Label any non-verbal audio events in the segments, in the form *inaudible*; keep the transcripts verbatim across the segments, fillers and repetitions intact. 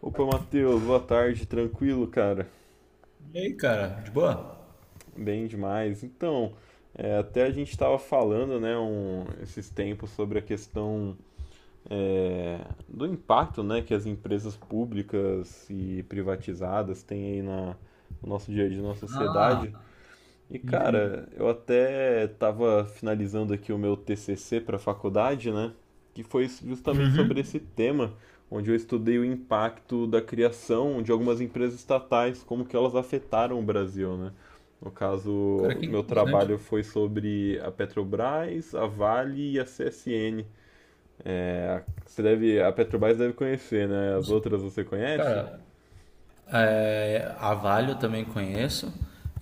Opa, Matheus, boa tarde, tranquilo, cara? E aí, cara, de boa? Bem demais. Então, é, até a gente estava falando, né, um- esses tempos sobre a questão, é, do impacto, né, que as empresas públicas e privatizadas têm aí na, no nosso dia a dia, na Ah, sociedade. E sim, cara, sim. eu até estava finalizando aqui o meu T C C para a faculdade, né? Que foi justamente sobre Uhum. esse tema, onde eu estudei o impacto da criação de algumas empresas estatais, como que elas afetaram o Brasil, né? No Cara, caso, que meu interessante. trabalho foi sobre a Petrobras, a Vale e a C S N. É, a- você deve, a Petrobras deve conhecer, né? As Nossa, outras você conhece? cara, é, a Vale eu também conheço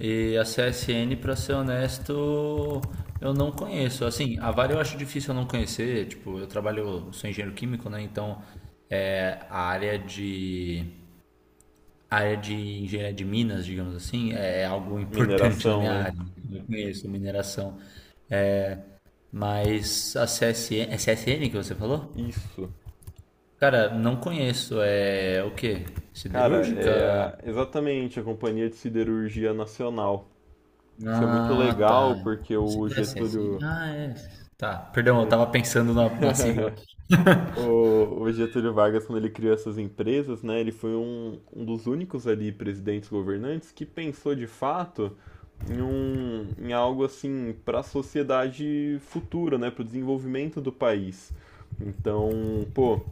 e a C S N, pra ser honesto, eu não conheço. Assim, a Vale eu acho difícil eu não conhecer. Tipo, eu trabalho, eu sou engenheiro químico, né? Então, é, a área de a área de engenharia de minas, digamos assim, é algo *laughs* importante na Mineração, minha né? área, né? Eu conheço mineração, mas a C S C S N, é C S N que você falou? Isso. Cara, não conheço. É o quê? Cara, Siderúrgica? é exatamente a Companhia de Siderurgia Nacional. Foi muito Ah, legal tá. porque Não sei o se é assim. assim. Getúlio, Ah, é. Tá, o perdão, eu Get- tava pensando na, na sigla. *laughs* o- o Getúlio Vargas, quando ele criou essas empresas, né, ele foi um, um dos únicos ali presidentes governantes que pensou de fato em, um, em algo assim para a sociedade futura, né, para o desenvolvimento do país. Então, pô,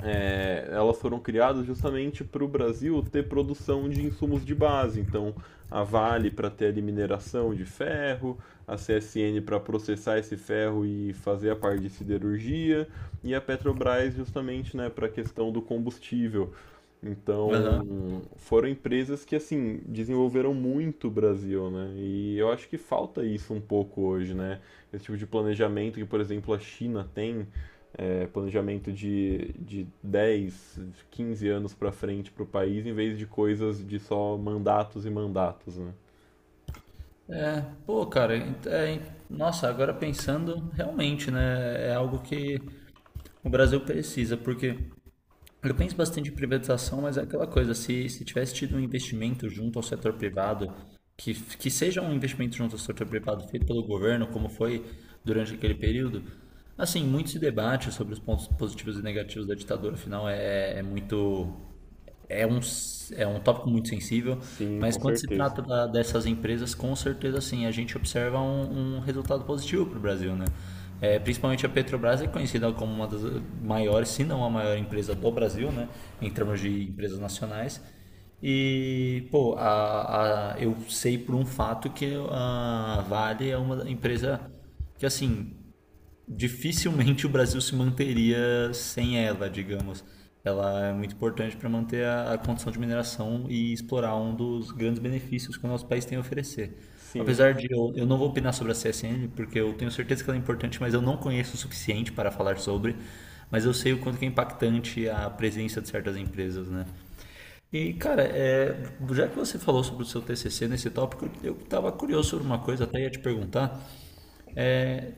é, elas foram criadas justamente para o Brasil ter produção de insumos de base. Então, a Vale para ter ali mineração de ferro, a C S N para processar esse ferro e fazer a parte de siderurgia, e a Petrobras justamente, né, para a questão do combustível. Aham. Então, foram empresas que assim desenvolveram muito o Brasil, né? E eu acho que falta isso um pouco hoje, né? Esse tipo de planejamento que, por exemplo, a China tem é, planejamento de, de dez, quinze anos para frente para o país, em vez de coisas de só mandatos e mandatos, né? Pô, cara, ent- é, en- nossa, agora pensando, realmente, né? É algo que o Brasil precisa, porque eu penso bastante em privatização, mas é aquela coisa, se, se tivesse tido um investimento junto ao setor privado, que, que seja um investimento junto ao setor privado feito pelo governo, como foi durante aquele período. Assim, muito se debate sobre os pontos positivos e negativos da ditadura, afinal é, é muito, é um, s- é um tópico muito sensível, Sim, mas com quando se certeza. trata da- dessas empresas, com certeza sim, a gente observa um, um resultado positivo para o Brasil, né? É, principalmente a Petrobras é conhecida como uma das maiores, se não a maior empresa do Brasil, né? Em termos de empresas nacionais. E, pô, a, a- eu sei por um fato que a Vale é uma empresa que, assim, dificilmente o Brasil se manteria sem ela, digamos. Ela é muito importante para manter a, a condição de mineração e explorar um dos grandes benefícios que o nosso país tem a oferecer. Sim, Apesar de eu, eu não vou opinar sobre a C S N, porque eu tenho certeza que ela é importante, mas eu não conheço o suficiente para falar sobre, mas eu sei o quanto que é impactante a presença de certas empresas, né? E, cara, é, já que você falou sobre o seu T C C nesse tópico, eu estava curioso sobre uma coisa, até ia te perguntar.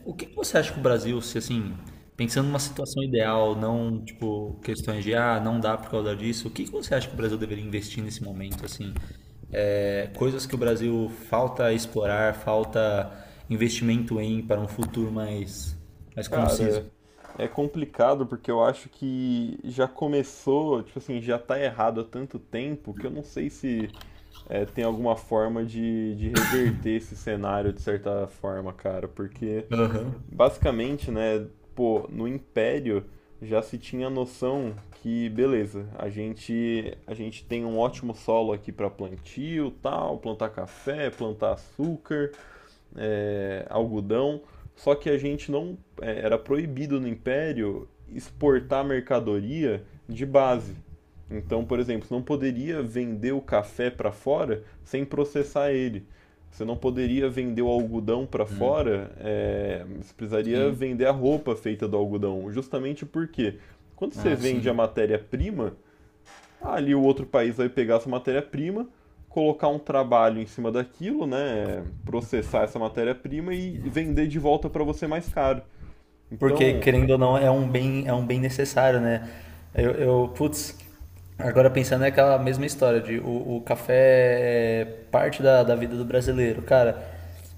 O que que você acha que o Brasil, se assim, pensando numa situação ideal, não tipo questões de ah, não dá por causa disso, o que que você acha que o Brasil deveria investir nesse momento, assim? É, coisas que o Brasil falta explorar, falta investimento em para um futuro mais mais conciso. cara, é complicado porque eu acho que já começou, tipo assim, já tá errado há tanto tempo que eu não sei se é, tem alguma forma de, de reverter esse cenário de certa forma, cara, porque Aham. basicamente, né, pô, no Império já se tinha a noção que, beleza, a gente a gente tem um ótimo solo aqui para plantio, tal, plantar café, plantar açúcar, é, algodão, só que a gente não é, era proibido no Império exportar mercadoria de base. Então, por exemplo, você não poderia vender o café para fora sem processar ele. Você não poderia vender o algodão para fora, é, você precisaria Sim. vender a roupa feita do algodão. Justamente porque quando você Ah, vende a sim. matéria-prima, ali o outro país vai pegar essa matéria-prima, colocar um trabalho em cima daquilo, né? Processar essa matéria-prima e vender de volta para você mais caro. Porque, Então, querendo ou não, é um bem, é um bem necessário, né? Eu, eu, putz, agora pensando, é aquela mesma história de o, o café é parte da, da vida do brasileiro, cara.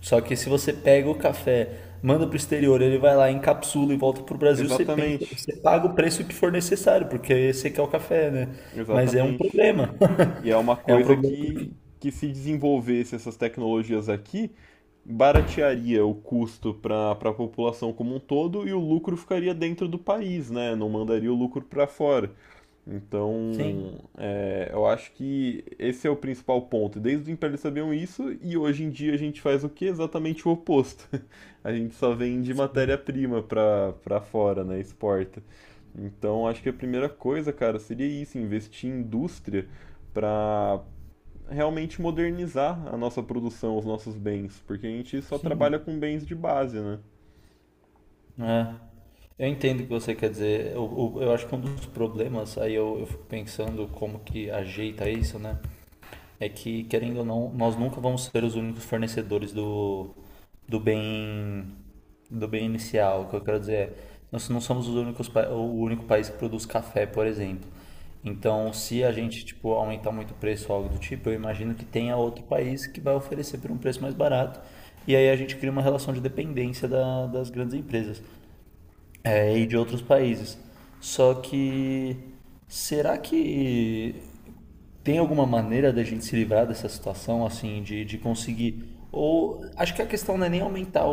Só que se você pega o café, manda pro exterior, ele vai lá, encapsula e volta pro Brasil, você pensa, exatamente, você paga o preço que for necessário, porque você quer o café, né? Mas é um exatamente. problema. *laughs* E é uma É um coisa problema. que, que se desenvolvesse essas tecnologias aqui, baratearia o custo para a população como um todo e o lucro ficaria dentro do país, né? Não mandaria o lucro para fora. Então, Sim, é, eu acho que esse é o principal ponto. Desde o Império eles sabiam isso, e hoje em dia a gente faz o que? Exatamente o oposto. *laughs* A gente só vende matéria-prima pra, pra fora, né? Exporta. Então, acho que a primeira coisa, cara, seria isso, investir em indústria pra realmente modernizar a nossa produção, os nossos bens, porque a gente só trabalha sim. com bens de base, né? É. Eu entendo o que você quer dizer. Eu, eu, eu acho que um dos problemas, aí eu, eu fico pensando como que ajeita isso, né? É que, querendo ou não, nós nunca vamos ser os únicos fornecedores do, do bem, do bem inicial. O que eu quero dizer é, nós não somos os únicos, pa- o único país que produz café, por exemplo. Então, se a gente, tipo, aumentar muito o preço ou algo do tipo, eu imagino que tenha outro país que vai oferecer por um preço mais barato. E aí a gente cria uma relação de dependência da- das grandes empresas, é, e de outros países. Só que será que tem alguma maneira da gente se livrar dessa situação, assim, de, de conseguir? Ou acho que a questão não é nem aumentar o,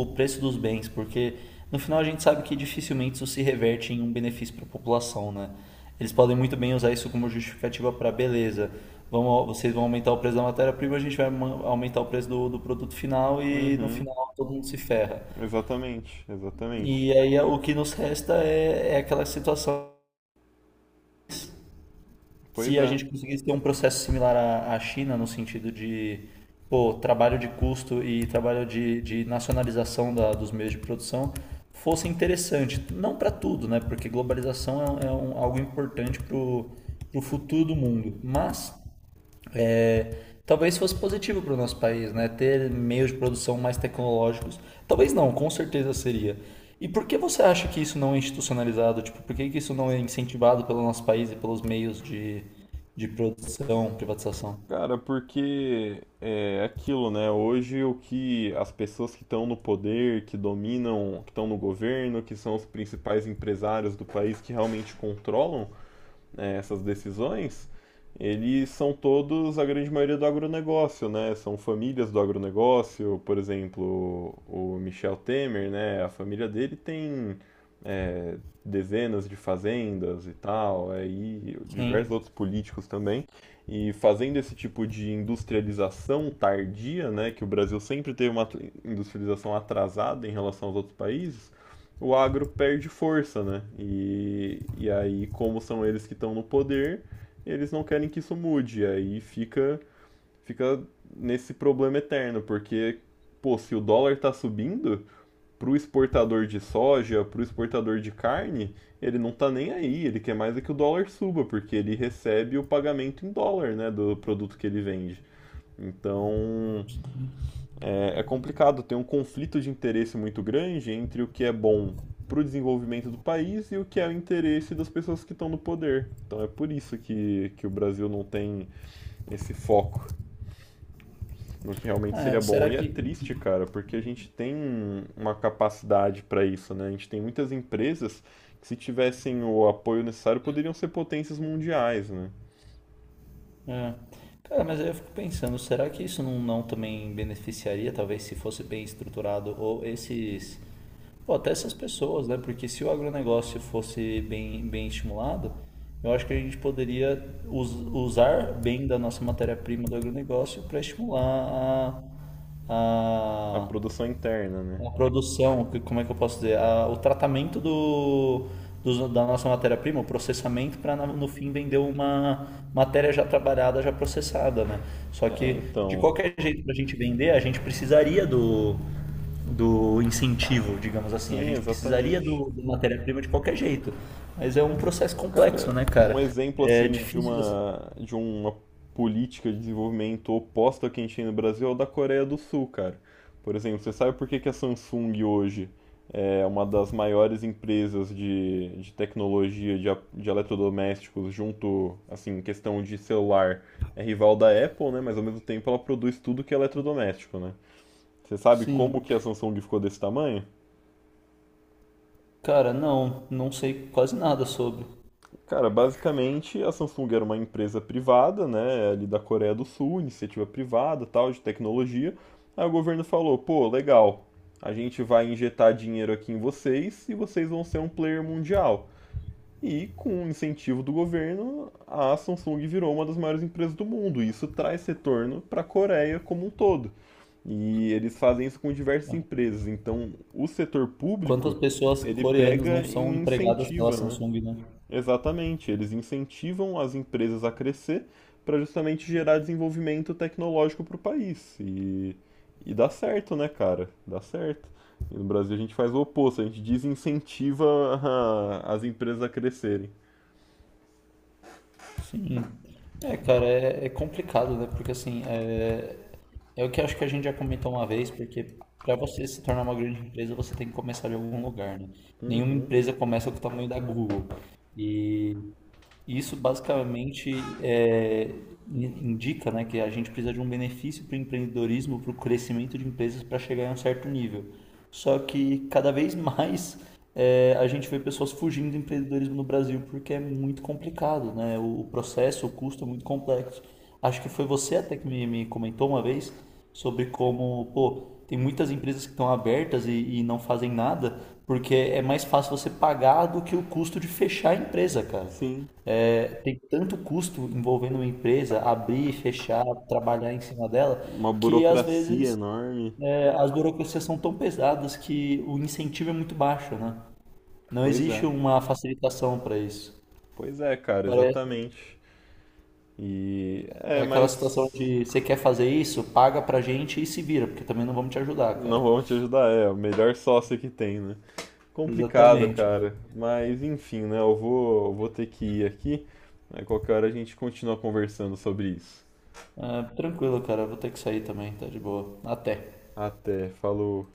o, o preço dos bens, porque no final a gente sabe que dificilmente isso se reverte em um benefício para a população, né? Eles podem muito bem usar isso como justificativa para beleza. Vamos, vocês vão aumentar o preço da matéria-prima, a gente vai ma- aumentar o preço do, do produto final e no Uhum, final todo mundo se ferra. exatamente, exatamente. E aí é, o que nos resta é, é aquela situação. Pois Se a é. gente conseguisse ter um processo similar à, à China, no sentido de pô, trabalho de custo e trabalho de, de nacionalização da, dos meios de produção, fosse interessante. Não para tudo, né? Porque globalização é, um, é um- algo importante para o futuro do mundo. Mas é, talvez fosse positivo para o nosso país, né? Ter meios de produção mais tecnológicos. Talvez não, com certeza seria. E por que você acha que isso não é institucionalizado? Tipo, por que que isso não é incentivado pelo nosso país e pelos meios de, de produção, privatização? Cara, porque é aquilo, né? Hoje o que as pessoas que estão no poder, que dominam, que estão no governo, que são os principais empresários do país que realmente controlam, né, essas decisões, eles são todos, a grande maioria, do agronegócio, né? São famílias do agronegócio, por exemplo, o Michel Temer, né? A família dele tem é, dezenas de fazendas e tal, é, e diversos Sim. outros políticos também. E fazendo esse tipo de industrialização tardia, né? Que o Brasil sempre teve uma industrialização atrasada em relação aos outros países, o agro perde força, né? E, e aí, como são eles que estão no poder, eles não querem que isso mude. E aí fica, fica nesse problema eterno, porque, pô, se o dólar tá subindo, pro exportador de soja, pro exportador de carne, ele não tá nem aí. Ele quer mais é que o dólar suba, porque ele recebe o pagamento em dólar, né, do produto que ele vende. Então, é, é complicado, tem um conflito de interesse muito grande entre o que é bom para o desenvolvimento do país e o que é o interesse das pessoas que estão no poder. Então é por isso que, que o Brasil não tem esse foco no que realmente seria É, bom. será E é que triste, cara, porque a gente tem uma capacidade para isso, né? A gente tem muitas empresas que, se tivessem o apoio necessário, poderiam ser potências mundiais, né? É. Cara, mas aí eu fico pensando, será que isso não, não também beneficiaria, talvez, se fosse bem estruturado, ou esses, ou até essas pessoas, né? Porque se o agronegócio fosse bem, bem estimulado, eu acho que a gente poderia us- usar bem da nossa matéria-prima do agronegócio para estimular a, A a, produção interna, né? a produção, que- como é que eu posso dizer? A- o tratamento do, dos- da nossa matéria-prima, o processamento, para no fim vender uma matéria já trabalhada, já processada, né? Só É, que, de então. qualquer jeito, para a gente vender, a gente precisaria do, do incentivo, digamos assim. A Sim, gente precisaria exatamente. do, do matéria-prima de qualquer jeito. Mas é um processo complexo, Cara, né, um cara? exemplo É assim de difícil você... uma de uma política de desenvolvimento oposta ao que a gente tem no Brasil é o da Coreia do Sul, cara. Por exemplo, você sabe por que que a Samsung hoje é uma das maiores empresas de, de tecnologia de, a- de eletrodomésticos junto, assim, em questão de celular, é rival da Apple, né? Mas ao mesmo tempo ela produz tudo que é eletrodoméstico, né? Você sabe como Sim. que a Samsung ficou desse tamanho? Cara, não, não sei quase nada sobre. Cara, basicamente a Samsung era uma empresa privada, né, ali da Coreia do Sul, iniciativa privada, tal, de tecnologia. Aí o governo falou: "Pô, legal. A gente vai injetar dinheiro aqui em vocês e vocês vão ser um player mundial". E com o incentivo do governo, a Samsung virou uma das maiores empresas do mundo. E isso traz retorno para a Coreia como um todo. E eles fazem isso com diversas empresas. Então, o setor Quantas público, pessoas ele coreanas não pega e são empregadas pela incentiva, né? Samsung, né? Exatamente, eles incentivam as empresas a crescer para justamente gerar desenvolvimento tecnológico para o país. E, e dá certo, né, cara? Dá certo. E no Brasil a gente faz o oposto, a gente desincentiva *laughs* a- as empresas a crescerem. Hum. É, cara, é, é complicado, né? Porque assim, é, é o que acho que a gente já comentou uma vez, porque para você se tornar uma grande empresa, você tem que começar de algum lugar, né? Nenhuma empresa começa com o tamanho da Google. E isso basicamente é, in- indica, né, que a gente precisa de um benefício para o empreendedorismo, para o crescimento de empresas para chegar em um certo nível. Só que cada vez *laughs* mais é, a gente vê pessoas fugindo do empreendedorismo no Brasil porque é muito complicado, né? O processo, o custo é muito complexo. Acho que foi você até que me, me comentou uma vez sobre como, pô, tem muitas empresas que estão abertas e, e não fazem nada porque é mais fácil você pagar do que o custo de fechar a empresa, cara. Sim, É, tem tanto custo envolvendo uma empresa, abrir, fechar, trabalhar em cima dela, uma que às burocracia vezes enorme. é, as burocracias são tão pesadas que o incentivo é muito baixo, né? Não Pois existe é, uma facilitação para isso. pois é, cara, Pare- exatamente. E É é, aquela situação mas de você quer fazer isso, paga pra gente e se vira, porque também não vamos te ajudar, não cara. vão te ajudar, é o melhor sócio que tem, né? Complicado, *laughs* Exatamente. cara. Mas enfim, né? Eu vou, eu vou ter que ir aqui. Aí qualquer hora a gente continua conversando sobre isso. Ah, tranquilo, cara. Vou ter que sair também, tá de boa. Até. Até, falou.